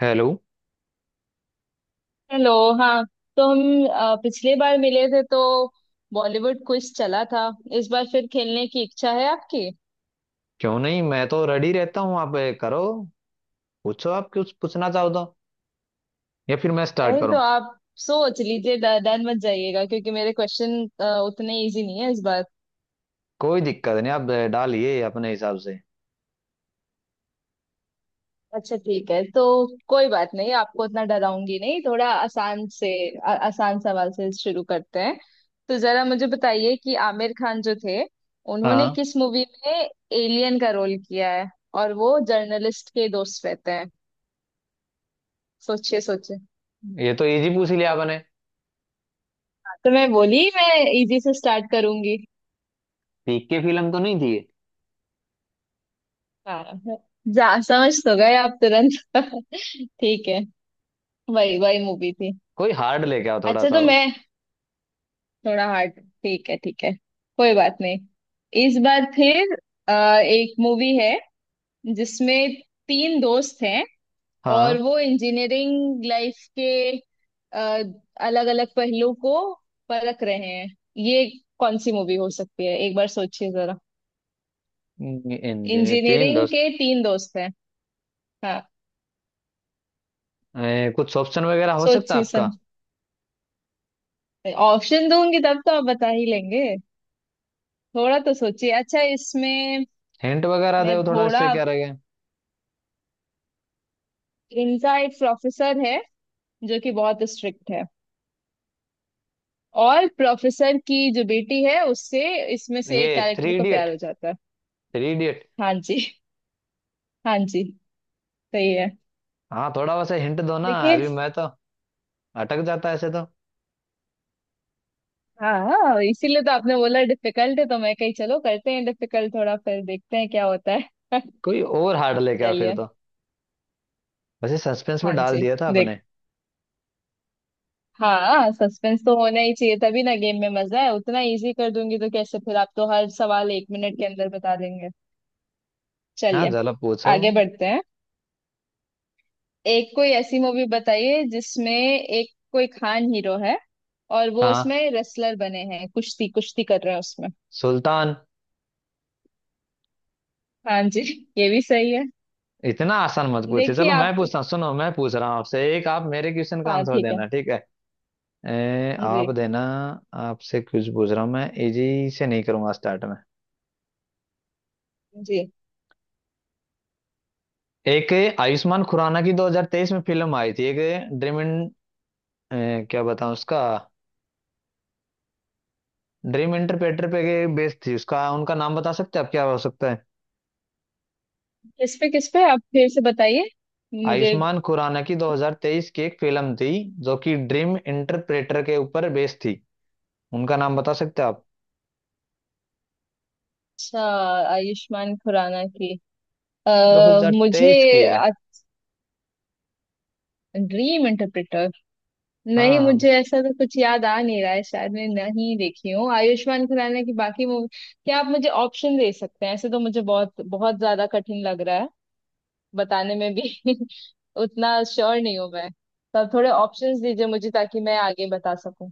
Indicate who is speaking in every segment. Speaker 1: Hello.
Speaker 2: Hello. हाँ। तो हम पिछली बार मिले थे तो बॉलीवुड क्विज चला था। इस बार फिर खेलने की इच्छा है आपकी?
Speaker 1: क्यों नहीं, मैं तो रेडी रहता हूँ। आप करो, पूछो। आप कुछ पूछना चाहो तो, या फिर मैं स्टार्ट
Speaker 2: नहीं तो
Speaker 1: करूँ।
Speaker 2: आप सोच लीजिए। डर मत जाइएगा क्योंकि मेरे क्वेश्चन उतने इजी नहीं है इस बार।
Speaker 1: कोई दिक्कत नहीं, आप डालिए अपने हिसाब से।
Speaker 2: अच्छा ठीक है। तो कोई बात नहीं, आपको उतना डराऊंगी नहीं, थोड़ा आसान से आसान सवाल से शुरू करते हैं। तो जरा मुझे बताइए कि आमिर खान जो थे, उन्होंने
Speaker 1: हाँ,
Speaker 2: किस मूवी में एलियन का रोल किया है और वो जर्नलिस्ट के दोस्त रहते हैं? सोचिए सोचिए।
Speaker 1: ये तो इजी पूछ ही लिया आपने।
Speaker 2: तो मैं बोली मैं इजी से स्टार्ट करूंगी।
Speaker 1: पीक की फिल्म तो नहीं थी ये।
Speaker 2: हाँ हाँ, जा समझ तो गए आप तुरंत। ठीक है, वही वही मूवी थी।
Speaker 1: कोई हार्ड लेके आओ थोड़ा
Speaker 2: अच्छा
Speaker 1: सा
Speaker 2: तो
Speaker 1: और।
Speaker 2: मैं थोड़ा हार्ड, ठीक है ठीक है, कोई बात नहीं। इस बार फिर, अ, एक मूवी है जिसमें तीन दोस्त हैं और
Speaker 1: हाँ,
Speaker 2: वो इंजीनियरिंग लाइफ के अलग अलग पहलू को परख रहे हैं। ये कौन सी मूवी हो सकती है, एक बार सोचिए जरा।
Speaker 1: इंजीनियर तीन
Speaker 2: इंजीनियरिंग
Speaker 1: दोस्त।
Speaker 2: के तीन दोस्त हैं, हाँ।
Speaker 1: कुछ ऑप्शन वगैरह हो सकता
Speaker 2: सोचिए
Speaker 1: है आपका?
Speaker 2: समझ, ऑप्शन दूंगी तब तो आप बता ही लेंगे। थोड़ा तो सोचिए। अच्छा, इसमें,
Speaker 1: हिंट वगैरह
Speaker 2: मैं
Speaker 1: दो थोड़ा, इससे
Speaker 2: थोड़ा,
Speaker 1: क्या रहेगा।
Speaker 2: इनका एक प्रोफेसर है जो कि बहुत स्ट्रिक्ट है, और प्रोफेसर की जो बेटी है उससे इसमें से
Speaker 1: ये
Speaker 2: एक कैरेक्टर
Speaker 1: थ्री
Speaker 2: को प्यार
Speaker 1: इडियट।
Speaker 2: हो जाता है।
Speaker 1: Three idiot.
Speaker 2: हाँ जी, हाँ जी, सही है।
Speaker 1: हाँ, थोड़ा वैसे हिंट दो ना,
Speaker 2: देखिए,
Speaker 1: अभी मैं तो अटक जाता ऐसे तो।
Speaker 2: हाँ, इसीलिए तो आपने बोला डिफिकल्ट है, तो मैं कही चलो करते हैं डिफिकल्ट, थोड़ा फिर देखते हैं क्या होता है।
Speaker 1: कोई और हार्ड लेके आओ फिर
Speaker 2: चलिए,
Speaker 1: तो। वैसे सस्पेंस में
Speaker 2: हाँ
Speaker 1: डाल
Speaker 2: जी,
Speaker 1: दिया था अपने।
Speaker 2: देखते। हाँ, सस्पेंस तो होना ही चाहिए, तभी ना गेम में मजा है। उतना इजी कर दूंगी तो कैसे, फिर आप तो हर सवाल एक मिनट के अंदर बता देंगे।
Speaker 1: हाँ,
Speaker 2: चलिए
Speaker 1: चलो पूछो।
Speaker 2: आगे बढ़ते हैं। एक कोई ऐसी मूवी बताइए जिसमें एक कोई खान हीरो है, और वो
Speaker 1: हाँ,
Speaker 2: उसमें रेसलर बने हैं, कुश्ती कुश्ती कर रहे हैं उसमें।
Speaker 1: सुल्तान।
Speaker 2: हाँ जी, ये भी सही है।
Speaker 1: इतना आसान मत पूछे।
Speaker 2: देखिए
Speaker 1: चलो, मैं
Speaker 2: आप तो,
Speaker 1: पूछता हूँ। सुनो, मैं पूछ रहा हूँ आपसे एक, आप मेरे क्वेश्चन का
Speaker 2: हाँ
Speaker 1: आंसर
Speaker 2: ठीक है।
Speaker 1: देना, ठीक है?
Speaker 2: जी।
Speaker 1: आप देना। आपसे कुछ पूछ रहा हूँ मैं, इजी से नहीं करूंगा स्टार्ट में।
Speaker 2: जी।
Speaker 1: एक आयुष्मान खुराना की 2023 में फिल्म आई थी एक, ड्रीम इन क्या बताऊं उसका, ड्रीम इंटरप्रेटर पे बेस्ड थी उसका। उनका नाम बता सकते हैं आप, क्या हो सकता है?
Speaker 2: किस पे, किस पे आप फिर से बताइए मुझे।
Speaker 1: आयुष्मान खुराना की 2023 की एक फिल्म थी जो कि ड्रीम इंटरप्रेटर के ऊपर बेस्ड थी। उनका नाम बता सकते हो आप?
Speaker 2: अच्छा, आयुष्मान खुराना की, अ मुझे
Speaker 1: 2023 की है।
Speaker 2: ड्रीम इंटरप्रेटर, नहीं
Speaker 1: हाँ,
Speaker 2: मुझे ऐसा तो कुछ याद आ नहीं रहा है, शायद मैं नहीं देखी हूँ आयुष्मान खुराना की बाकी मूवी। क्या आप मुझे ऑप्शन दे सकते हैं? ऐसे तो मुझे बहुत बहुत ज्यादा कठिन लग रहा है बताने में भी। उतना श्योर नहीं हूँ मैं, तो आप थोड़े ऑप्शंस दीजिए मुझे ताकि मैं आगे बता सकूं।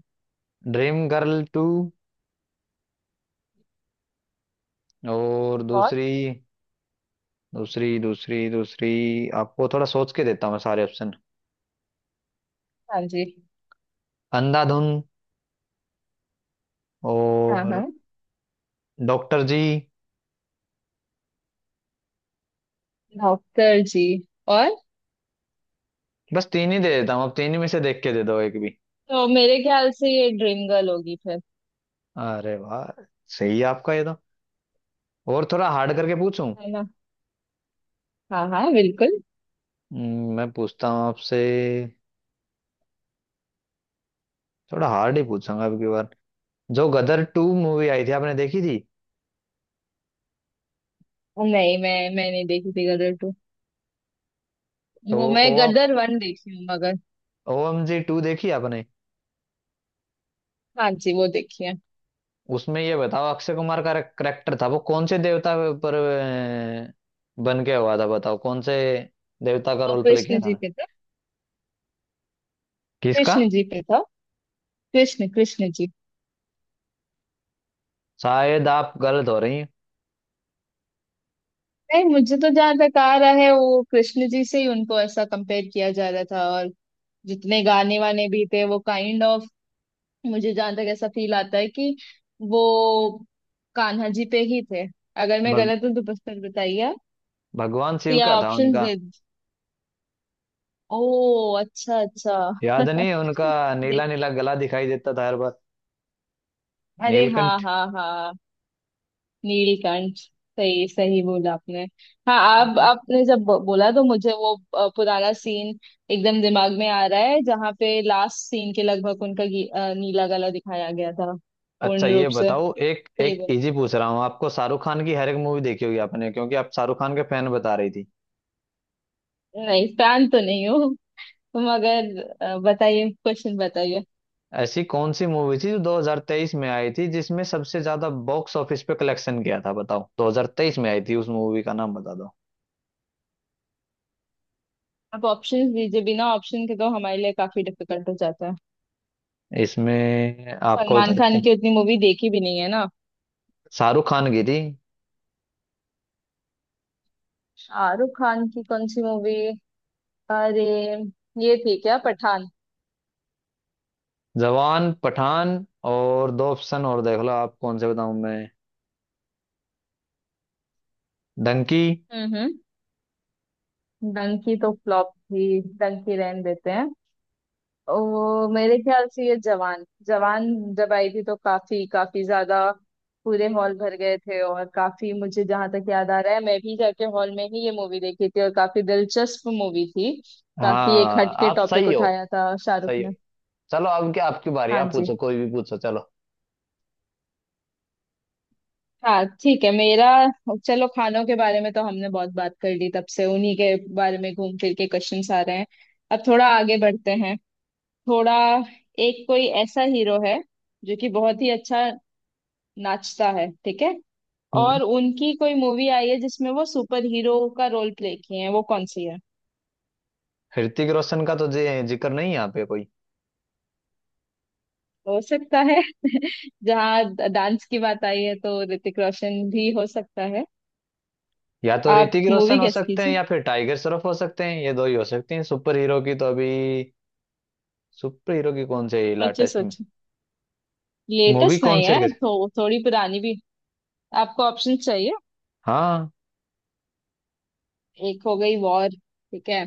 Speaker 1: ड्रीम गर्ल टू और
Speaker 2: और,
Speaker 1: दूसरी। दूसरी दूसरी, आपको थोड़ा सोच के देता हूँ मैं सारे ऑप्शन।
Speaker 2: हाँ जी,
Speaker 1: अंधाधुन,
Speaker 2: हाँ
Speaker 1: और
Speaker 2: हाँ,
Speaker 1: डॉक्टर जी।
Speaker 2: डॉक्टर जी और,
Speaker 1: बस तीन ही दे देता हूँ, आप तीन ही में से देख के दे दो एक भी।
Speaker 2: तो मेरे ख्याल से ये ड्रीम गर्ल होगी फिर।
Speaker 1: अरे वाह, सही है आपका ये तो। और थोड़ा हार्ड करके पूछूं।
Speaker 2: है ना। हाँ हाँ बिल्कुल।
Speaker 1: मैं पूछता हूँ आपसे, थोड़ा हार्ड ही पूछूंगा अब की बार। जो गदर टू मूवी आई थी, आपने देखी थी?
Speaker 2: नहीं मैं नहीं देखी थी गदर टू।
Speaker 1: तो
Speaker 2: वो मैं
Speaker 1: ओ,
Speaker 2: गदर वन देखी हूँ मगर,
Speaker 1: ओएम जी टू देखी आपने?
Speaker 2: हाँ जी वो देखिए।
Speaker 1: उसमें ये बताओ, अक्षय कुमार का करेक्टर था वो कौन से देवता पर बन के हुआ था, बताओ कौन से देवता का
Speaker 2: और
Speaker 1: रोल प्ले किया
Speaker 2: कृष्ण
Speaker 1: था
Speaker 2: जी
Speaker 1: ना।
Speaker 2: पे था,
Speaker 1: किसका?
Speaker 2: कृष्ण जी पे था। कृष्ण कृष्ण जी।
Speaker 1: शायद आप गलत हो रही हैं।
Speaker 2: नहीं मुझे तो जहां तक आ रहा है वो कृष्ण जी से ही उनको ऐसा कंपेयर किया जा रहा था, और जितने गाने वाने भी थे वो काइंड ऑफ, मुझे जहां तक ऐसा फील आता है कि वो कान्हा जी पे ही थे। अगर मैं
Speaker 1: भग,
Speaker 2: गलत हूँ तो बस पर बताइए आप।
Speaker 1: भगवान
Speaker 2: तो
Speaker 1: शिव
Speaker 2: या
Speaker 1: का था
Speaker 2: ऑप्शंस
Speaker 1: उनका।
Speaker 2: दे। ओ अच्छा अच्छा।
Speaker 1: याद नहीं है उनका? नीला
Speaker 2: देख,
Speaker 1: नीला गला दिखाई देता था हर बार।
Speaker 2: अरे हाँ
Speaker 1: नीलकंठ।
Speaker 2: हाँ हाँ, नीलकंठ। सही सही बोला आपने। हाँ आप आपने जब बोला तो मुझे वो पुराना सीन एकदम दिमाग में आ रहा है जहाँ पे लास्ट सीन के लगभग उनका नीला गला दिखाया गया था।
Speaker 1: अच्छा
Speaker 2: पूर्ण
Speaker 1: ये
Speaker 2: रूप से
Speaker 1: बताओ, एक
Speaker 2: सही
Speaker 1: एक
Speaker 2: बोल,
Speaker 1: इजी पूछ रहा हूँ आपको। शाहरुख खान की हर एक मूवी देखी होगी आपने, क्योंकि आप शाहरुख खान के फैन बता रही थी।
Speaker 2: नहीं फैन तो नहीं हूँ मगर, बताइए क्वेश्चन बताइए।
Speaker 1: ऐसी कौन सी मूवी थी जो 2023 में आई थी जिसमें सबसे ज्यादा बॉक्स ऑफिस पे कलेक्शन किया था? बताओ, 2023 में आई थी, उस मूवी का नाम बता दो।
Speaker 2: आप ऑप्शंस दीजिए, बिना ऑप्शन के तो हमारे लिए काफी डिफिकल्ट हो जाता है।
Speaker 1: इसमें आपको बता
Speaker 2: सलमान
Speaker 1: देता
Speaker 2: खान
Speaker 1: हूँ,
Speaker 2: की उतनी मूवी देखी भी नहीं है ना।
Speaker 1: शाहरुख खान की थी।
Speaker 2: शाहरुख खान की कौन सी मूवी? अरे ये थी क्या पठान?
Speaker 1: जवान, पठान, और दो ऑप्शन और देख लो आप, कौन से बताऊं मैं। डंकी।
Speaker 2: हम्म। डंकी तो फ्लॉप थी, डंकी रहने देते हैं। वो मेरे ख्याल से ये जवान, जवान जब आई थी तो काफी काफी ज्यादा पूरे हॉल भर गए थे, और काफी मुझे जहां तक याद आ रहा है मैं भी जाके हॉल में ही ये मूवी देखी थी, और काफी दिलचस्प मूवी थी। काफी एक
Speaker 1: हाँ,
Speaker 2: हटके
Speaker 1: आप
Speaker 2: टॉपिक
Speaker 1: सही हो।
Speaker 2: उठाया था शाहरुख
Speaker 1: सही हो।
Speaker 2: ने।
Speaker 1: चलो अब क्या, आपकी बारी,
Speaker 2: हाँ
Speaker 1: आप
Speaker 2: जी।
Speaker 1: पूछो, कोई भी पूछो, चलो।
Speaker 2: हाँ ठीक है। मेरा, चलो खानों के बारे में तो हमने बहुत बात कर ली, तब से उन्हीं के बारे में घूम फिर के क्वेश्चंस आ रहे हैं। अब थोड़ा आगे बढ़ते हैं। थोड़ा, एक कोई ऐसा हीरो है जो कि बहुत ही अच्छा नाचता है, ठीक है, और उनकी कोई मूवी आई है जिसमें वो सुपर हीरो का रोल प्ले किए हैं, वो कौन सी है?
Speaker 1: ऋतिक रोशन का तो जिक्र नहीं है यहाँ पे कोई?
Speaker 2: हो सकता है। जहाँ डांस की बात आई है तो ऋतिक रोशन भी हो सकता है।
Speaker 1: या तो
Speaker 2: आप
Speaker 1: ऋतिक
Speaker 2: मूवी
Speaker 1: रोशन हो
Speaker 2: गेस
Speaker 1: सकते हैं
Speaker 2: कीजिए।
Speaker 1: या फिर टाइगर श्रॉफ हो सकते हैं, ये दो ही हो सकते हैं सुपर हीरो की तो अभी। सुपर हीरो की कौन सी
Speaker 2: सोचिए
Speaker 1: लेटेस्ट में
Speaker 2: सोचिए।
Speaker 1: मूवी
Speaker 2: लेटेस्ट
Speaker 1: कौन
Speaker 2: नहीं
Speaker 1: सी
Speaker 2: है तो थोड़ी पुरानी भी। आपको ऑप्शन चाहिए?
Speaker 1: हाँ।
Speaker 2: एक हो गई वॉर, ठीक है,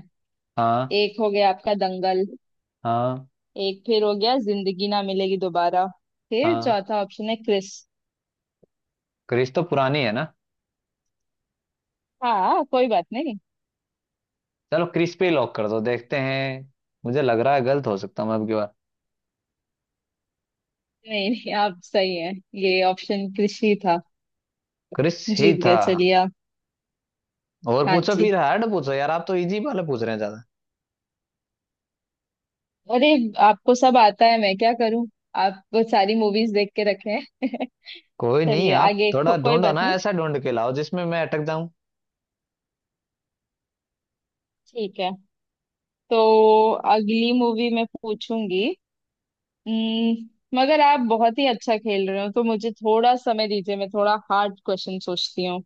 Speaker 1: हाँ।
Speaker 2: एक हो गया आपका दंगल,
Speaker 1: हाँ।
Speaker 2: एक फिर हो गया जिंदगी ना मिलेगी दोबारा, फिर
Speaker 1: हाँ,
Speaker 2: चौथा ऑप्शन है क्रिस।
Speaker 1: क्रिस तो पुरानी है ना।
Speaker 2: हाँ कोई बात नहीं।
Speaker 1: चलो क्रिस पे ही लॉक कर दो, देखते हैं। मुझे लग रहा है गलत हो सकता हूँ अब की बार।
Speaker 2: नहीं नहीं, आप सही हैं। ये ऑप्शन क्रिस ही था,
Speaker 1: क्रिस ही
Speaker 2: जीत
Speaker 1: था।
Speaker 2: गए चलिए आप।
Speaker 1: और
Speaker 2: हाँ
Speaker 1: पूछो
Speaker 2: जी।
Speaker 1: फिर, हार्ड पूछो यार, आप तो इजी वाले पूछ रहे हैं ज्यादा।
Speaker 2: अरे, आपको सब आता है, मैं क्या करूं? आप वो सारी मूवीज देख के रखे हैं।
Speaker 1: कोई नहीं,
Speaker 2: चलिए
Speaker 1: आप
Speaker 2: आगे
Speaker 1: थोड़ा
Speaker 2: को, कोई
Speaker 1: ढूंढो
Speaker 2: बात
Speaker 1: ना,
Speaker 2: नहीं।
Speaker 1: ऐसा ढूंढ के लाओ जिसमें मैं अटक जाऊं।
Speaker 2: ठीक है। तो अगली मूवी मैं पूछूंगी। हम्म, मगर आप बहुत ही अच्छा खेल रहे हो तो मुझे थोड़ा समय दीजिए, मैं थोड़ा हार्ड क्वेश्चन सोचती हूँ।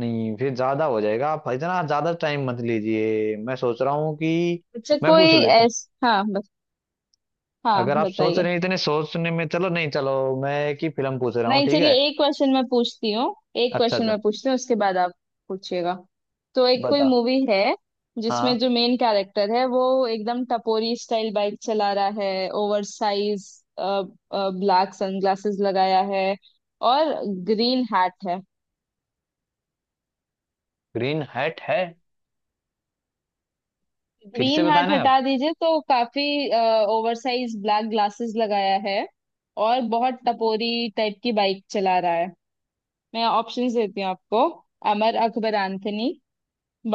Speaker 1: नहीं, फिर ज्यादा हो जाएगा, आप इतना ज्यादा टाइम मत लीजिए। मैं सोच रहा हूँ कि
Speaker 2: अच्छा
Speaker 1: मैं पूछ
Speaker 2: कोई
Speaker 1: लेता।
Speaker 2: ऐस हाँ, हाँ
Speaker 1: अगर आप सोच
Speaker 2: बताइए।
Speaker 1: रहे हैं इतने सोचने में, चलो नहीं, चलो मैं एक ही फिल्म पूछ रहा हूँ,
Speaker 2: नहीं
Speaker 1: ठीक
Speaker 2: चलिए,
Speaker 1: है?
Speaker 2: एक क्वेश्चन मैं पूछती हूँ, एक
Speaker 1: अच्छा
Speaker 2: क्वेश्चन
Speaker 1: अच्छा,
Speaker 2: मैं पूछती हूँ उसके बाद आप पूछिएगा। तो एक कोई
Speaker 1: बता।
Speaker 2: मूवी है जिसमें
Speaker 1: हाँ,
Speaker 2: जो मेन कैरेक्टर है वो एकदम टपोरी स्टाइल बाइक चला रहा है, ओवर साइज ब्लैक सनग्लासेस लगाया है, और ग्रीन हैट है।
Speaker 1: ग्रीन हैट है? फिर से
Speaker 2: ग्रीन हैट
Speaker 1: बताना
Speaker 2: हटा
Speaker 1: आप।
Speaker 2: दीजिए तो काफी, ओवर साइज ब्लैक ग्लासेस लगाया है और बहुत टपोरी टाइप की बाइक चला रहा है। मैं ऑप्शंस देती हूँ आपको। अमर अकबर एंथनी,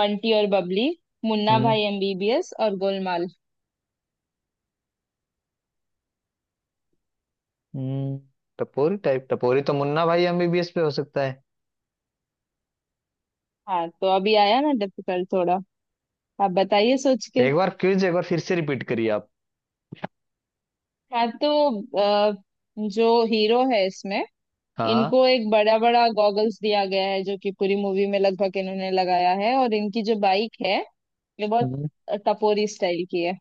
Speaker 2: बंटी और बबली, मुन्ना
Speaker 1: हम्म
Speaker 2: भाई एमबीबीएस और गोलमाल।
Speaker 1: हम्म। टपोरी टाइप, टपोरी तो मुन्ना भाई एमबीबीएस पे हो सकता है।
Speaker 2: हाँ तो अभी आया ना डिफिकल्ट थोड़ा। आप बताइए सोच के।
Speaker 1: एक बार क्विज एक बार फिर से रिपीट करिए आप।
Speaker 2: हाँ तो, आ, जो हीरो है इसमें
Speaker 1: हाँ।
Speaker 2: इनको एक बड़ा बड़ा गॉगल्स दिया गया है जो कि पूरी मूवी में लगभग इन्होंने लगाया है, और इनकी जो बाइक है ये बहुत
Speaker 1: हम्म,
Speaker 2: टपोरी स्टाइल की है।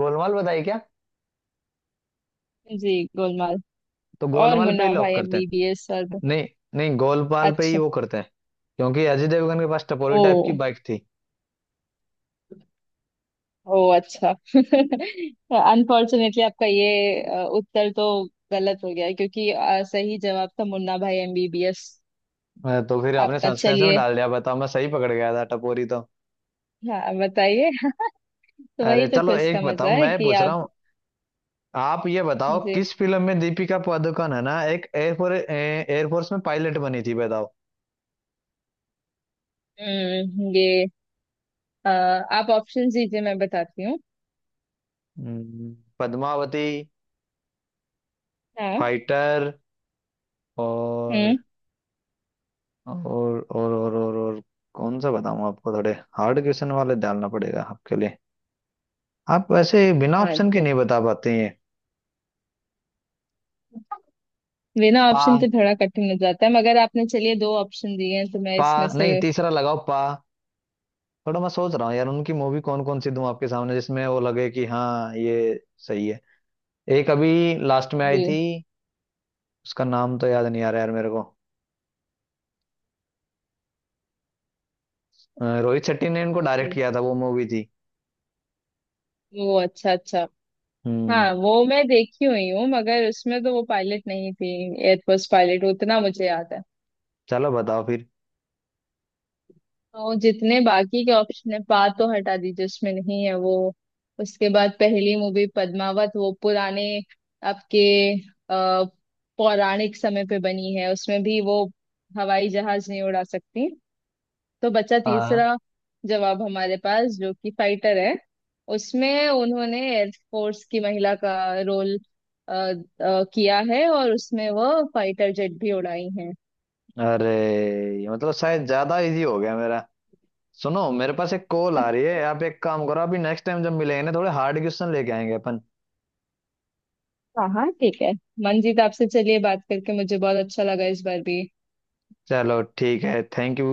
Speaker 1: गोलमाल बताइए क्या।
Speaker 2: जी गोलमाल
Speaker 1: तो
Speaker 2: और
Speaker 1: गोलमाल पे ही
Speaker 2: मुन्ना भाई
Speaker 1: लॉक करते हैं।
Speaker 2: एमबीबीएस और
Speaker 1: नहीं नहीं, गोलमाल पे ही
Speaker 2: अच्छा।
Speaker 1: वो करते हैं, क्योंकि अजय देवगन के पास टपोरी
Speaker 2: ओ,
Speaker 1: टाइप की बाइक थी।
Speaker 2: ओ अच्छा। अनफॉर्चुनेटली आपका ये उत्तर तो गलत हो गया क्योंकि सही जवाब था मुन्ना भाई एमबीबीएस।
Speaker 1: अरे तो फिर आपने
Speaker 2: आपका
Speaker 1: सस्पेंस में
Speaker 2: चलिए,
Speaker 1: डाल दिया, बताओ, मैं सही पकड़ गया था टपोरी तो।
Speaker 2: हाँ बताइए। तो
Speaker 1: अरे
Speaker 2: वही तो
Speaker 1: चलो
Speaker 2: क्विज का
Speaker 1: एक बताओ,
Speaker 2: मजा है
Speaker 1: मैं
Speaker 2: कि
Speaker 1: पूछ रहा
Speaker 2: आप।
Speaker 1: हूँ। आप ये बताओ,
Speaker 2: जी,
Speaker 1: किस फिल्म में दीपिका पादुकोण है ना एक एयरफोर्स, एयरफोर्स में पायलट बनी थी, बताओ।
Speaker 2: हम्म, ये, आप ऑप्शन दीजिए मैं बताती हूँ।
Speaker 1: पद्मावती,
Speaker 2: हाँ।
Speaker 1: फाइटर, और,
Speaker 2: हम्म।
Speaker 1: और। कौन सा बताऊँ आपको, थोड़े हार्ड क्वेश्चन वाले डालना पड़ेगा आपके लिए। आप वैसे बिना
Speaker 2: हाँ
Speaker 1: ऑप्शन के
Speaker 2: तो
Speaker 1: नहीं बता पाते हैं।
Speaker 2: बिना
Speaker 1: पा
Speaker 2: ऑप्शन के थोड़ा कठिन हो जाता है, मगर आपने चलिए दो ऑप्शन दिए हैं तो मैं
Speaker 1: पा
Speaker 2: इसमें से,
Speaker 1: नहीं, तीसरा लगाओ, पा। थोड़ा मैं सोच रहा हूँ यार उनकी मूवी कौन कौन सी दूं आपके सामने जिसमें वो लगे कि हाँ ये सही है। एक अभी लास्ट में आई थी,
Speaker 2: जी,
Speaker 1: उसका नाम तो याद नहीं आ रहा यार मेरे को। रोहित शेट्टी ने इनको डायरेक्ट
Speaker 2: जी,
Speaker 1: किया था वो मूवी थी।
Speaker 2: वो अच्छा अच्छा।
Speaker 1: हम्म।
Speaker 2: हाँ वो मैं देखी हुई हूँ मगर उसमें तो वो पायलट नहीं थी। एयरफोर्स पायलट उतना मुझे याद है।
Speaker 1: चलो बताओ फिर।
Speaker 2: तो जितने बाकी के ऑप्शन है, पा तो हटा दीजिए उसमें नहीं है वो। उसके बाद पहली मूवी पद्मावत वो पुराने आपके अ, पौराणिक समय पे बनी है, उसमें भी वो हवाई जहाज नहीं उड़ा सकती। तो बचा
Speaker 1: हाँ।
Speaker 2: तीसरा जवाब हमारे पास जो कि फाइटर है। उसमें उन्होंने एयरफोर्स की महिला का रोल किया है और उसमें वो फाइटर जेट भी उड़ाई हैं।
Speaker 1: अरे ये मतलब शायद ज्यादा इजी हो गया मेरा। सुनो, मेरे पास एक कॉल आ रही है, आप एक काम करो, अभी नेक्स्ट टाइम जब मिलेंगे ना, थोड़े हार्ड क्वेश्चन लेके आएंगे अपन।
Speaker 2: अच्छा हाँ ठीक है। मनजीत आपसे चलिए बात करके मुझे बहुत अच्छा लगा इस बार भी।
Speaker 1: चलो ठीक है, थैंक यू।